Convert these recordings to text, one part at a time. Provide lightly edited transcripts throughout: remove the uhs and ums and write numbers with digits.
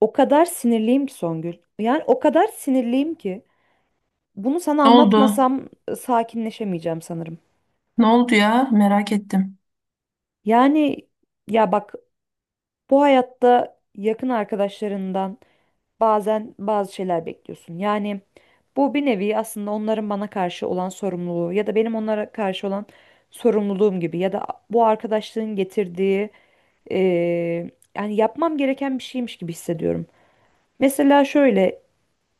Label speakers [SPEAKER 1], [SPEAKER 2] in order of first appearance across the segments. [SPEAKER 1] O kadar sinirliyim ki Songül. Yani o kadar sinirliyim ki bunu sana
[SPEAKER 2] Ne oldu?
[SPEAKER 1] anlatmasam sakinleşemeyeceğim sanırım.
[SPEAKER 2] Ne oldu ya? Merak ettim.
[SPEAKER 1] Yani ya bak, bu hayatta yakın arkadaşlarından bazen bazı şeyler bekliyorsun. Yani bu bir nevi aslında onların bana karşı olan sorumluluğu ya da benim onlara karşı olan sorumluluğum gibi ya da bu arkadaşlığın getirdiği, e, yani yapmam gereken bir şeymiş gibi hissediyorum. Mesela şöyle,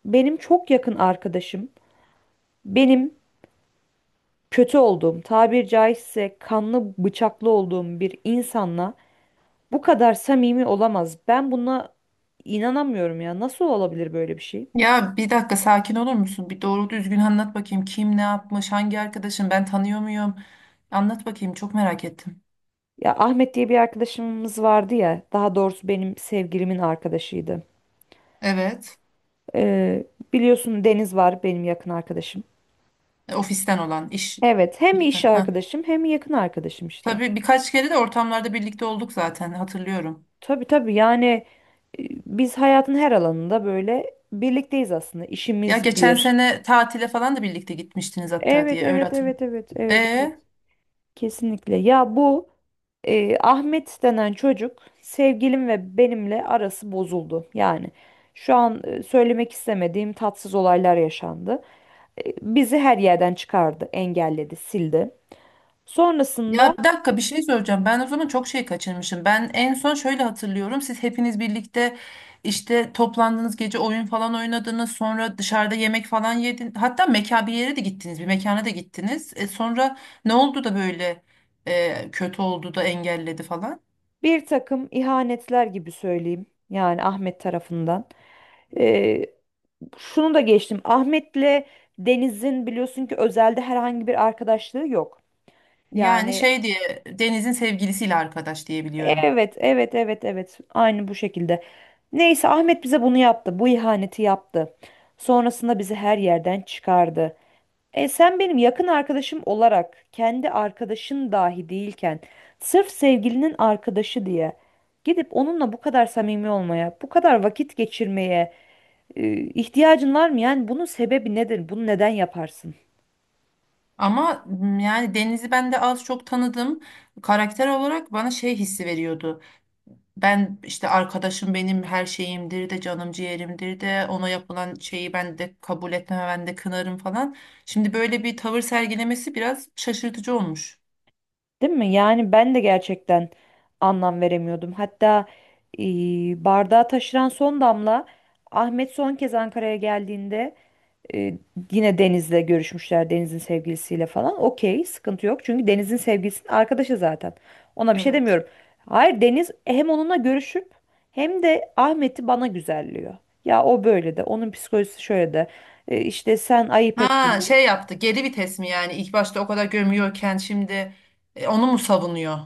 [SPEAKER 1] benim çok yakın arkadaşım benim kötü olduğum, tabir caizse kanlı bıçaklı olduğum bir insanla bu kadar samimi olamaz. Ben buna inanamıyorum ya. Nasıl olabilir böyle bir şey?
[SPEAKER 2] Ya, bir dakika, sakin olur musun? Bir doğru düzgün anlat bakayım. Kim ne yapmış? Hangi arkadaşın? Ben tanıyor muyum? Anlat bakayım. Çok merak ettim.
[SPEAKER 1] Ya Ahmet diye bir arkadaşımız vardı ya, daha doğrusu benim sevgilimin arkadaşıydı.
[SPEAKER 2] Evet.
[SPEAKER 1] Ee, Biliyorsun Deniz var benim yakın arkadaşım.
[SPEAKER 2] Ofisten olan iş.
[SPEAKER 1] Evet, hem
[SPEAKER 2] İşten,
[SPEAKER 1] iş
[SPEAKER 2] ha.
[SPEAKER 1] arkadaşım hem yakın arkadaşım işte.
[SPEAKER 2] Tabii birkaç kere de ortamlarda birlikte olduk zaten, hatırlıyorum.
[SPEAKER 1] Tabii tabii, yani biz hayatın her alanında böyle birlikteyiz aslında.
[SPEAKER 2] Ya,
[SPEAKER 1] İşimiz
[SPEAKER 2] geçen
[SPEAKER 1] bir.
[SPEAKER 2] sene tatile falan da birlikte gitmiştiniz hatta,
[SPEAKER 1] Evet,
[SPEAKER 2] diye öyle
[SPEAKER 1] evet,
[SPEAKER 2] hatırlıyorum.
[SPEAKER 1] evet, evet, evet, evet.
[SPEAKER 2] E?
[SPEAKER 1] Kesinlikle. Ya bu Ahmet denen çocuk sevgilim ve benimle arası bozuldu. Yani şu an söylemek istemediğim tatsız olaylar yaşandı. Bizi her yerden çıkardı, engelledi, sildi. Sonrasında
[SPEAKER 2] Ya, bir dakika, bir şey soracağım. Ben o zaman çok şey kaçırmışım. Ben en son şöyle hatırlıyorum. Siz hepiniz birlikte işte toplandınız, gece oyun falan oynadınız. Sonra dışarıda yemek falan yedin. Hatta mekan bir yere de gittiniz. Bir mekana da gittiniz. E sonra ne oldu da böyle kötü oldu da engelledi falan?
[SPEAKER 1] bir takım ihanetler gibi söyleyeyim. Yani Ahmet tarafından. E, Şunu da geçtim. Ahmet'le Deniz'in biliyorsun ki özelde herhangi bir arkadaşlığı yok.
[SPEAKER 2] Yani
[SPEAKER 1] Yani
[SPEAKER 2] şey diye Deniz'in sevgilisiyle arkadaş diye biliyorum.
[SPEAKER 1] evet, evet, evet, evet. Aynı bu şekilde. Neyse Ahmet bize bunu yaptı. Bu ihaneti yaptı. Sonrasında bizi her yerden çıkardı. E sen benim yakın arkadaşım olarak kendi arkadaşın dahi değilken sırf sevgilinin arkadaşı diye gidip onunla bu kadar samimi olmaya, bu kadar vakit geçirmeye ihtiyacın var mı? Yani bunun sebebi nedir? Bunu neden yaparsın?
[SPEAKER 2] Ama yani Deniz'i ben de az çok tanıdım. Karakter olarak bana şey hissi veriyordu. Ben işte, arkadaşım benim her şeyimdir de canım ciğerimdir de, ona yapılan şeyi ben de kabul etmem, ben de kınarım falan. Şimdi böyle bir tavır sergilemesi biraz şaşırtıcı olmuş.
[SPEAKER 1] Değil mi? Yani ben de gerçekten anlam veremiyordum. Hatta e, bardağı taşıran son damla, Ahmet son kez Ankara'ya geldiğinde e, yine Deniz'le görüşmüşler, Deniz'in sevgilisiyle falan. Okey, sıkıntı yok. Çünkü Deniz'in sevgilisinin arkadaşı zaten. Ona bir şey
[SPEAKER 2] Evet.
[SPEAKER 1] demiyorum. Hayır, Deniz hem onunla görüşüp hem de Ahmet'i bana güzelliyor. Ya o böyle de, onun psikolojisi şöyle de. İşte sen ayıp ettin
[SPEAKER 2] Ha, şey
[SPEAKER 1] de.
[SPEAKER 2] yaptı, geri vites mi yani? İlk başta o kadar gömüyorken şimdi onu mu savunuyor?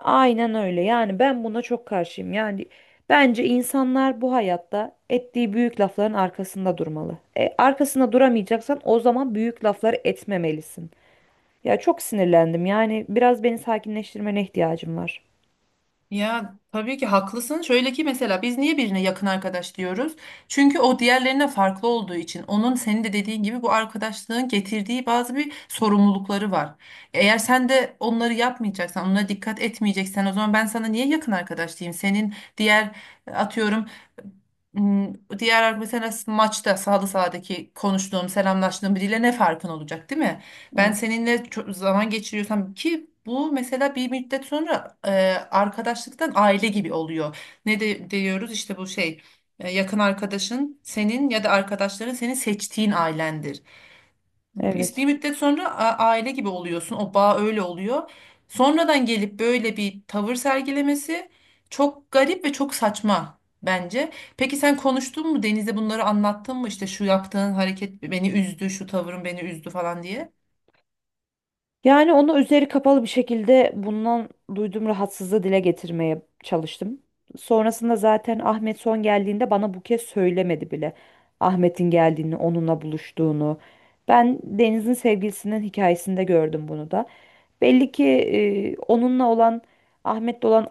[SPEAKER 1] Aynen öyle. Yani ben buna çok karşıyım. Yani bence insanlar bu hayatta ettiği büyük lafların arkasında durmalı. Arkasında duramayacaksan o zaman büyük lafları etmemelisin. Ya çok sinirlendim. Yani biraz beni sakinleştirmene ihtiyacım var.
[SPEAKER 2] Ya tabii ki haklısın. Şöyle ki, mesela biz niye birine yakın arkadaş diyoruz? Çünkü o diğerlerine farklı olduğu için. Onun, senin de dediğin gibi, bu arkadaşlığın getirdiği bazı bir sorumlulukları var. Eğer sen de onları yapmayacaksan, onlara dikkat etmeyeceksen, o zaman ben sana niye yakın arkadaş diyeyim? Senin diğer, atıyorum, m, diğer mesela maçta sağdaki konuştuğum, selamlaştığım biriyle ne farkın olacak, değil mi? Ben
[SPEAKER 1] Evet.
[SPEAKER 2] seninle çok zaman geçiriyorsam ki, bu mesela bir müddet sonra arkadaşlıktan aile gibi oluyor. Ne de diyoruz işte, bu şey, yakın arkadaşın senin, ya da arkadaşların senin seçtiğin ailendir. Biz bir
[SPEAKER 1] Evet.
[SPEAKER 2] müddet sonra aile gibi oluyorsun. O bağ öyle oluyor. Sonradan gelip böyle bir tavır sergilemesi çok garip ve çok saçma bence. Peki sen konuştun mu? Deniz'e bunları anlattın mı, işte şu yaptığın hareket beni üzdü, şu tavrın beni üzdü falan diye?
[SPEAKER 1] Yani onu üzeri kapalı bir şekilde bundan duyduğum rahatsızlığı dile getirmeye çalıştım. Sonrasında zaten Ahmet son geldiğinde bana bu kez söylemedi bile. Ahmet'in geldiğini, onunla buluştuğunu. Ben Deniz'in sevgilisinin hikayesinde gördüm bunu da. Belli ki onunla olan, Ahmet'le olan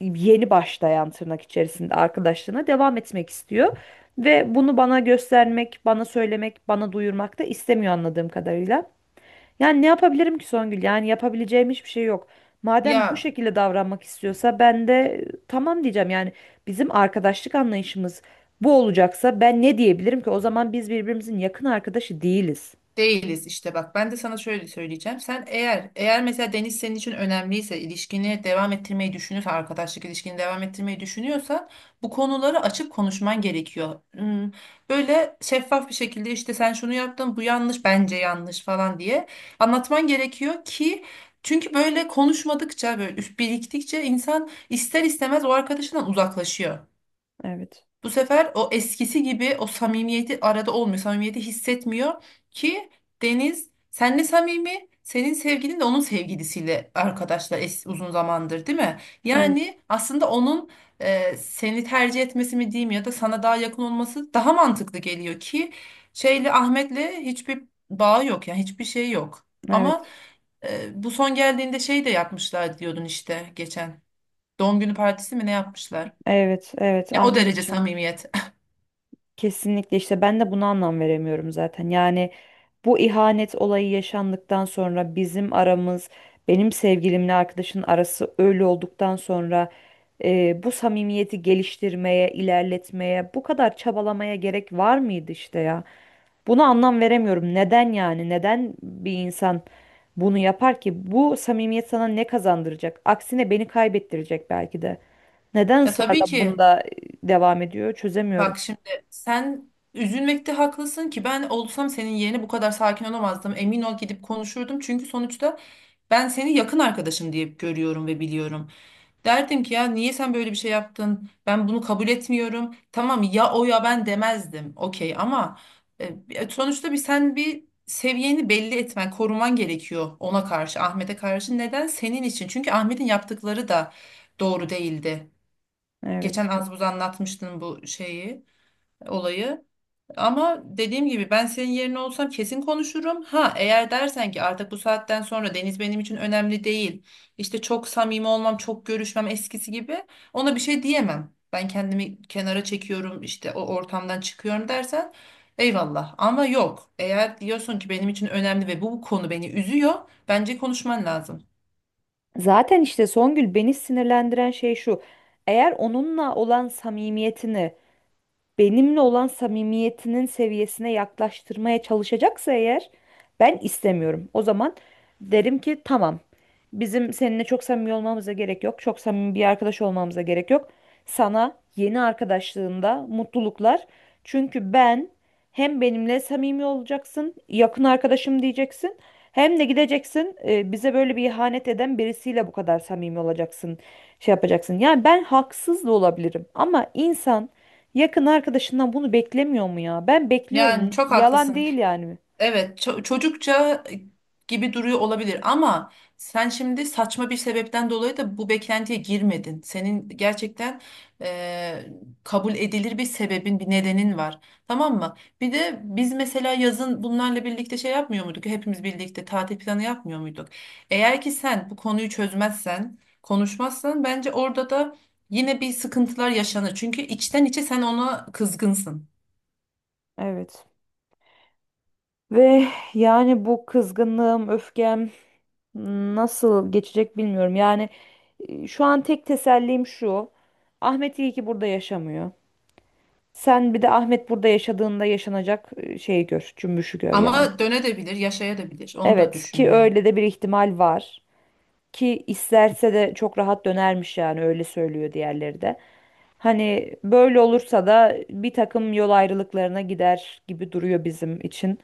[SPEAKER 1] yeni başlayan tırnak içerisinde arkadaşlığına devam etmek istiyor. Ve bunu bana göstermek, bana söylemek, bana duyurmak da istemiyor anladığım kadarıyla. Yani ne yapabilirim ki Songül? Yani yapabileceğim hiçbir şey yok. Madem bu
[SPEAKER 2] Ya,
[SPEAKER 1] şekilde davranmak istiyorsa ben de tamam diyeceğim. Yani bizim arkadaşlık anlayışımız bu olacaksa ben ne diyebilirim ki? O zaman biz birbirimizin yakın arkadaşı değiliz.
[SPEAKER 2] değiliz işte, bak, ben de sana şöyle söyleyeceğim. Sen eğer mesela Deniz senin için önemliyse, ilişkini devam ettirmeyi düşünüyorsa, arkadaşlık ilişkini devam ettirmeyi düşünüyorsa, bu konuları açık konuşman gerekiyor. Böyle şeffaf bir şekilde, işte sen şunu yaptın, bu yanlış, bence yanlış falan diye, anlatman gerekiyor ki, çünkü böyle konuşmadıkça, böyle biriktikçe insan ister istemez o arkadaşından uzaklaşıyor.
[SPEAKER 1] Evet.
[SPEAKER 2] Bu sefer o eskisi gibi o samimiyeti arada olmuyor. Samimiyeti hissetmiyor ki. Deniz senle samimi, senin sevgilin de onun sevgilisiyle arkadaşlar uzun zamandır, değil mi?
[SPEAKER 1] Evet.
[SPEAKER 2] Yani aslında onun seni tercih etmesi mi diyeyim, ya da sana daha yakın olması daha mantıklı geliyor ki, Ahmet'le hiçbir bağı yok, yani hiçbir şey yok. Ama
[SPEAKER 1] Evet.
[SPEAKER 2] bu son geldiğinde şey de yapmışlar diyordun işte, geçen. Doğum günü partisi mi ne yapmışlar?
[SPEAKER 1] Evet. Evet.
[SPEAKER 2] Ya, o
[SPEAKER 1] Ahmet
[SPEAKER 2] derece
[SPEAKER 1] için.
[SPEAKER 2] samimiyet.
[SPEAKER 1] Kesinlikle işte ben de buna anlam veremiyorum zaten. Yani bu ihanet olayı yaşandıktan sonra bizim aramız, benim sevgilimle arkadaşın arası öyle olduktan sonra bu samimiyeti geliştirmeye, ilerletmeye, bu kadar çabalamaya gerek var mıydı işte ya? Buna anlam veremiyorum. Neden yani? Neden bir insan bunu yapar ki? Bu samimiyet sana ne kazandıracak? Aksine beni kaybettirecek belki de. Neden
[SPEAKER 2] Ya tabii
[SPEAKER 1] ısrarla
[SPEAKER 2] ki.
[SPEAKER 1] bunda devam ediyor? Çözemiyorum.
[SPEAKER 2] Bak şimdi, sen üzülmekte haklısın ki, ben olsam senin yerine bu kadar sakin olamazdım. Emin ol, gidip konuşurdum. Çünkü sonuçta ben seni yakın arkadaşım diye görüyorum ve biliyorum. Derdim ki, ya niye sen böyle bir şey yaptın? Ben bunu kabul etmiyorum. Tamam, ya o ya ben demezdim. Okey, ama sonuçta bir seviyeni belli etmen, koruman gerekiyor ona karşı, Ahmet'e karşı. Neden? Senin için. Çünkü Ahmet'in yaptıkları da doğru değildi. Geçen
[SPEAKER 1] Evet.
[SPEAKER 2] az buz anlatmıştın bu şeyi, olayı. Ama dediğim gibi, ben senin yerine olsam kesin konuşurum. Ha, eğer dersen ki artık bu saatten sonra Deniz benim için önemli değil, İşte çok samimi olmam, çok görüşmem eskisi gibi, ona bir şey diyemem, ben kendimi kenara çekiyorum, işte o ortamdan çıkıyorum dersen, eyvallah. Ama yok. Eğer diyorsun ki benim için önemli ve bu konu beni üzüyor, bence konuşman lazım.
[SPEAKER 1] Zaten işte Songül, beni sinirlendiren şey şu. Eğer onunla olan samimiyetini benimle olan samimiyetinin seviyesine yaklaştırmaya çalışacaksa, eğer ben istemiyorum. O zaman derim ki tamam. Bizim seninle çok samimi olmamıza gerek yok. Çok samimi bir arkadaş olmamıza gerek yok. Sana yeni arkadaşlığında mutluluklar. Çünkü ben hem benimle samimi olacaksın, yakın arkadaşım diyeceksin. Hem de gideceksin, bize böyle bir ihanet eden birisiyle bu kadar samimi olacaksın, şey yapacaksın. Yani ben haksız da olabilirim ama insan yakın arkadaşından bunu beklemiyor mu ya? Ben
[SPEAKER 2] Yani
[SPEAKER 1] bekliyorum.
[SPEAKER 2] çok
[SPEAKER 1] Yalan
[SPEAKER 2] haklısın.
[SPEAKER 1] değil yani.
[SPEAKER 2] Evet, çocukça gibi duruyor olabilir, ama sen şimdi saçma bir sebepten dolayı da bu beklentiye girmedin. Senin gerçekten eee, kabul edilir bir sebebin, bir nedenin var. Tamam mı? Bir de biz mesela yazın bunlarla birlikte şey yapmıyor muyduk? Hepimiz birlikte tatil planı yapmıyor muyduk? Eğer ki sen bu konuyu çözmezsen, konuşmazsan, bence orada da yine bir sıkıntılar yaşanır. Çünkü içten içe sen ona kızgınsın.
[SPEAKER 1] Evet. Ve yani bu kızgınlığım, öfkem nasıl geçecek bilmiyorum. Yani şu an tek tesellim şu. Ahmet iyi ki burada yaşamıyor. Sen bir de Ahmet burada yaşadığında yaşanacak şeyi gör, cümbüşü gör yani.
[SPEAKER 2] Ama dönebilir, yaşayabilir. Onu da
[SPEAKER 1] Evet,
[SPEAKER 2] düşün,
[SPEAKER 1] ki
[SPEAKER 2] yani.
[SPEAKER 1] öyle de bir ihtimal var. Ki isterse de çok rahat dönermiş, yani öyle söylüyor diğerleri de. Hani böyle olursa da bir takım yol ayrılıklarına gider gibi duruyor bizim için.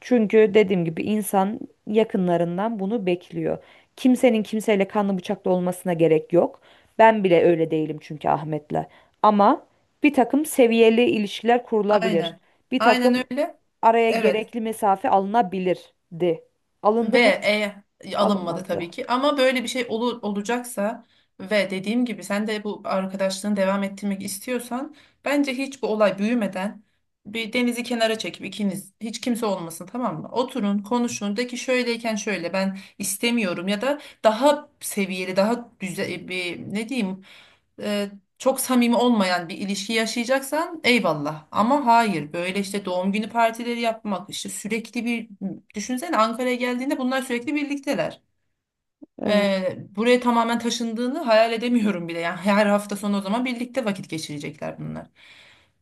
[SPEAKER 1] Çünkü dediğim gibi insan yakınlarından bunu bekliyor. Kimsenin kimseyle kanlı bıçaklı olmasına gerek yok. Ben bile öyle değilim çünkü Ahmet'le. Ama bir takım seviyeli ilişkiler kurulabilir.
[SPEAKER 2] Aynen.
[SPEAKER 1] Bir
[SPEAKER 2] Aynen
[SPEAKER 1] takım
[SPEAKER 2] öyle.
[SPEAKER 1] araya
[SPEAKER 2] Evet.
[SPEAKER 1] gerekli mesafe alınabilirdi. Alındı
[SPEAKER 2] Ve
[SPEAKER 1] mı?
[SPEAKER 2] alınmadı
[SPEAKER 1] Alınmadı.
[SPEAKER 2] tabii ki. Ama böyle bir şey olur, olacaksa, ve dediğim gibi sen de bu arkadaşlığını devam ettirmek istiyorsan, bence hiç bu olay büyümeden, bir denizi kenara çekip, ikiniz, hiç kimse olmasın, tamam mı? Oturun, konuşun, de ki şöyleyken şöyle, ben istemiyorum, ya da daha seviyeli, daha güzel, bir ne diyeyim? e, Çok samimi olmayan bir ilişki yaşayacaksan, eyvallah. Ama hayır, böyle işte doğum günü partileri yapmak, işte sürekli bir düşünsene, Ankara'ya geldiğinde bunlar sürekli birlikteler.
[SPEAKER 1] Evet.
[SPEAKER 2] Buraya tamamen taşındığını hayal edemiyorum bile. Yani her hafta sonu o zaman birlikte vakit geçirecekler bunlar.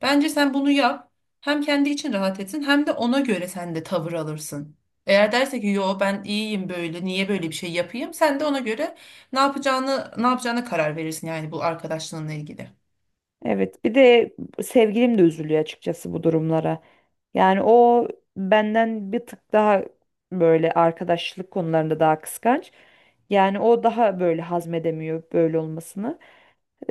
[SPEAKER 2] Bence sen bunu yap. Hem kendi için rahat etsin, hem de ona göre sen de tavır alırsın. Eğer derse ki yo, ben iyiyim böyle, niye böyle bir şey yapayım, sen de ona göre ne yapacağını, ne yapacağına karar verirsin, yani bu arkadaşlığınla ilgili.
[SPEAKER 1] Evet, bir de sevgilim de üzülüyor açıkçası bu durumlara. Yani o benden bir tık daha böyle arkadaşlık konularında daha kıskanç. Yani o daha böyle hazmedemiyor böyle olmasını.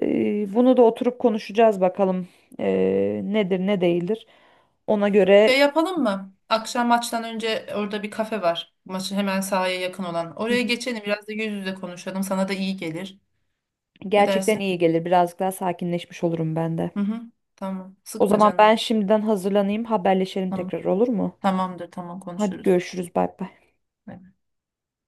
[SPEAKER 1] Bunu da oturup konuşacağız bakalım, nedir ne değildir. Ona
[SPEAKER 2] Şey
[SPEAKER 1] göre.
[SPEAKER 2] yapalım mı? Akşam maçtan önce orada bir kafe var. Maçı hemen sahaya yakın olan.
[SPEAKER 1] Hı
[SPEAKER 2] Oraya
[SPEAKER 1] hı.
[SPEAKER 2] geçelim, biraz da yüz yüze konuşalım. Sana da iyi gelir. Ne
[SPEAKER 1] Gerçekten
[SPEAKER 2] dersin?
[SPEAKER 1] iyi gelir. Birazcık daha sakinleşmiş olurum ben de.
[SPEAKER 2] Hı hı. Tamam.
[SPEAKER 1] O
[SPEAKER 2] Sıkma
[SPEAKER 1] zaman
[SPEAKER 2] canını.
[SPEAKER 1] ben şimdiden hazırlanayım, haberleşelim
[SPEAKER 2] Tamam.
[SPEAKER 1] tekrar, olur mu?
[SPEAKER 2] Tamamdır. Tamam,
[SPEAKER 1] Hadi
[SPEAKER 2] konuşuruz.
[SPEAKER 1] görüşürüz, bay bay.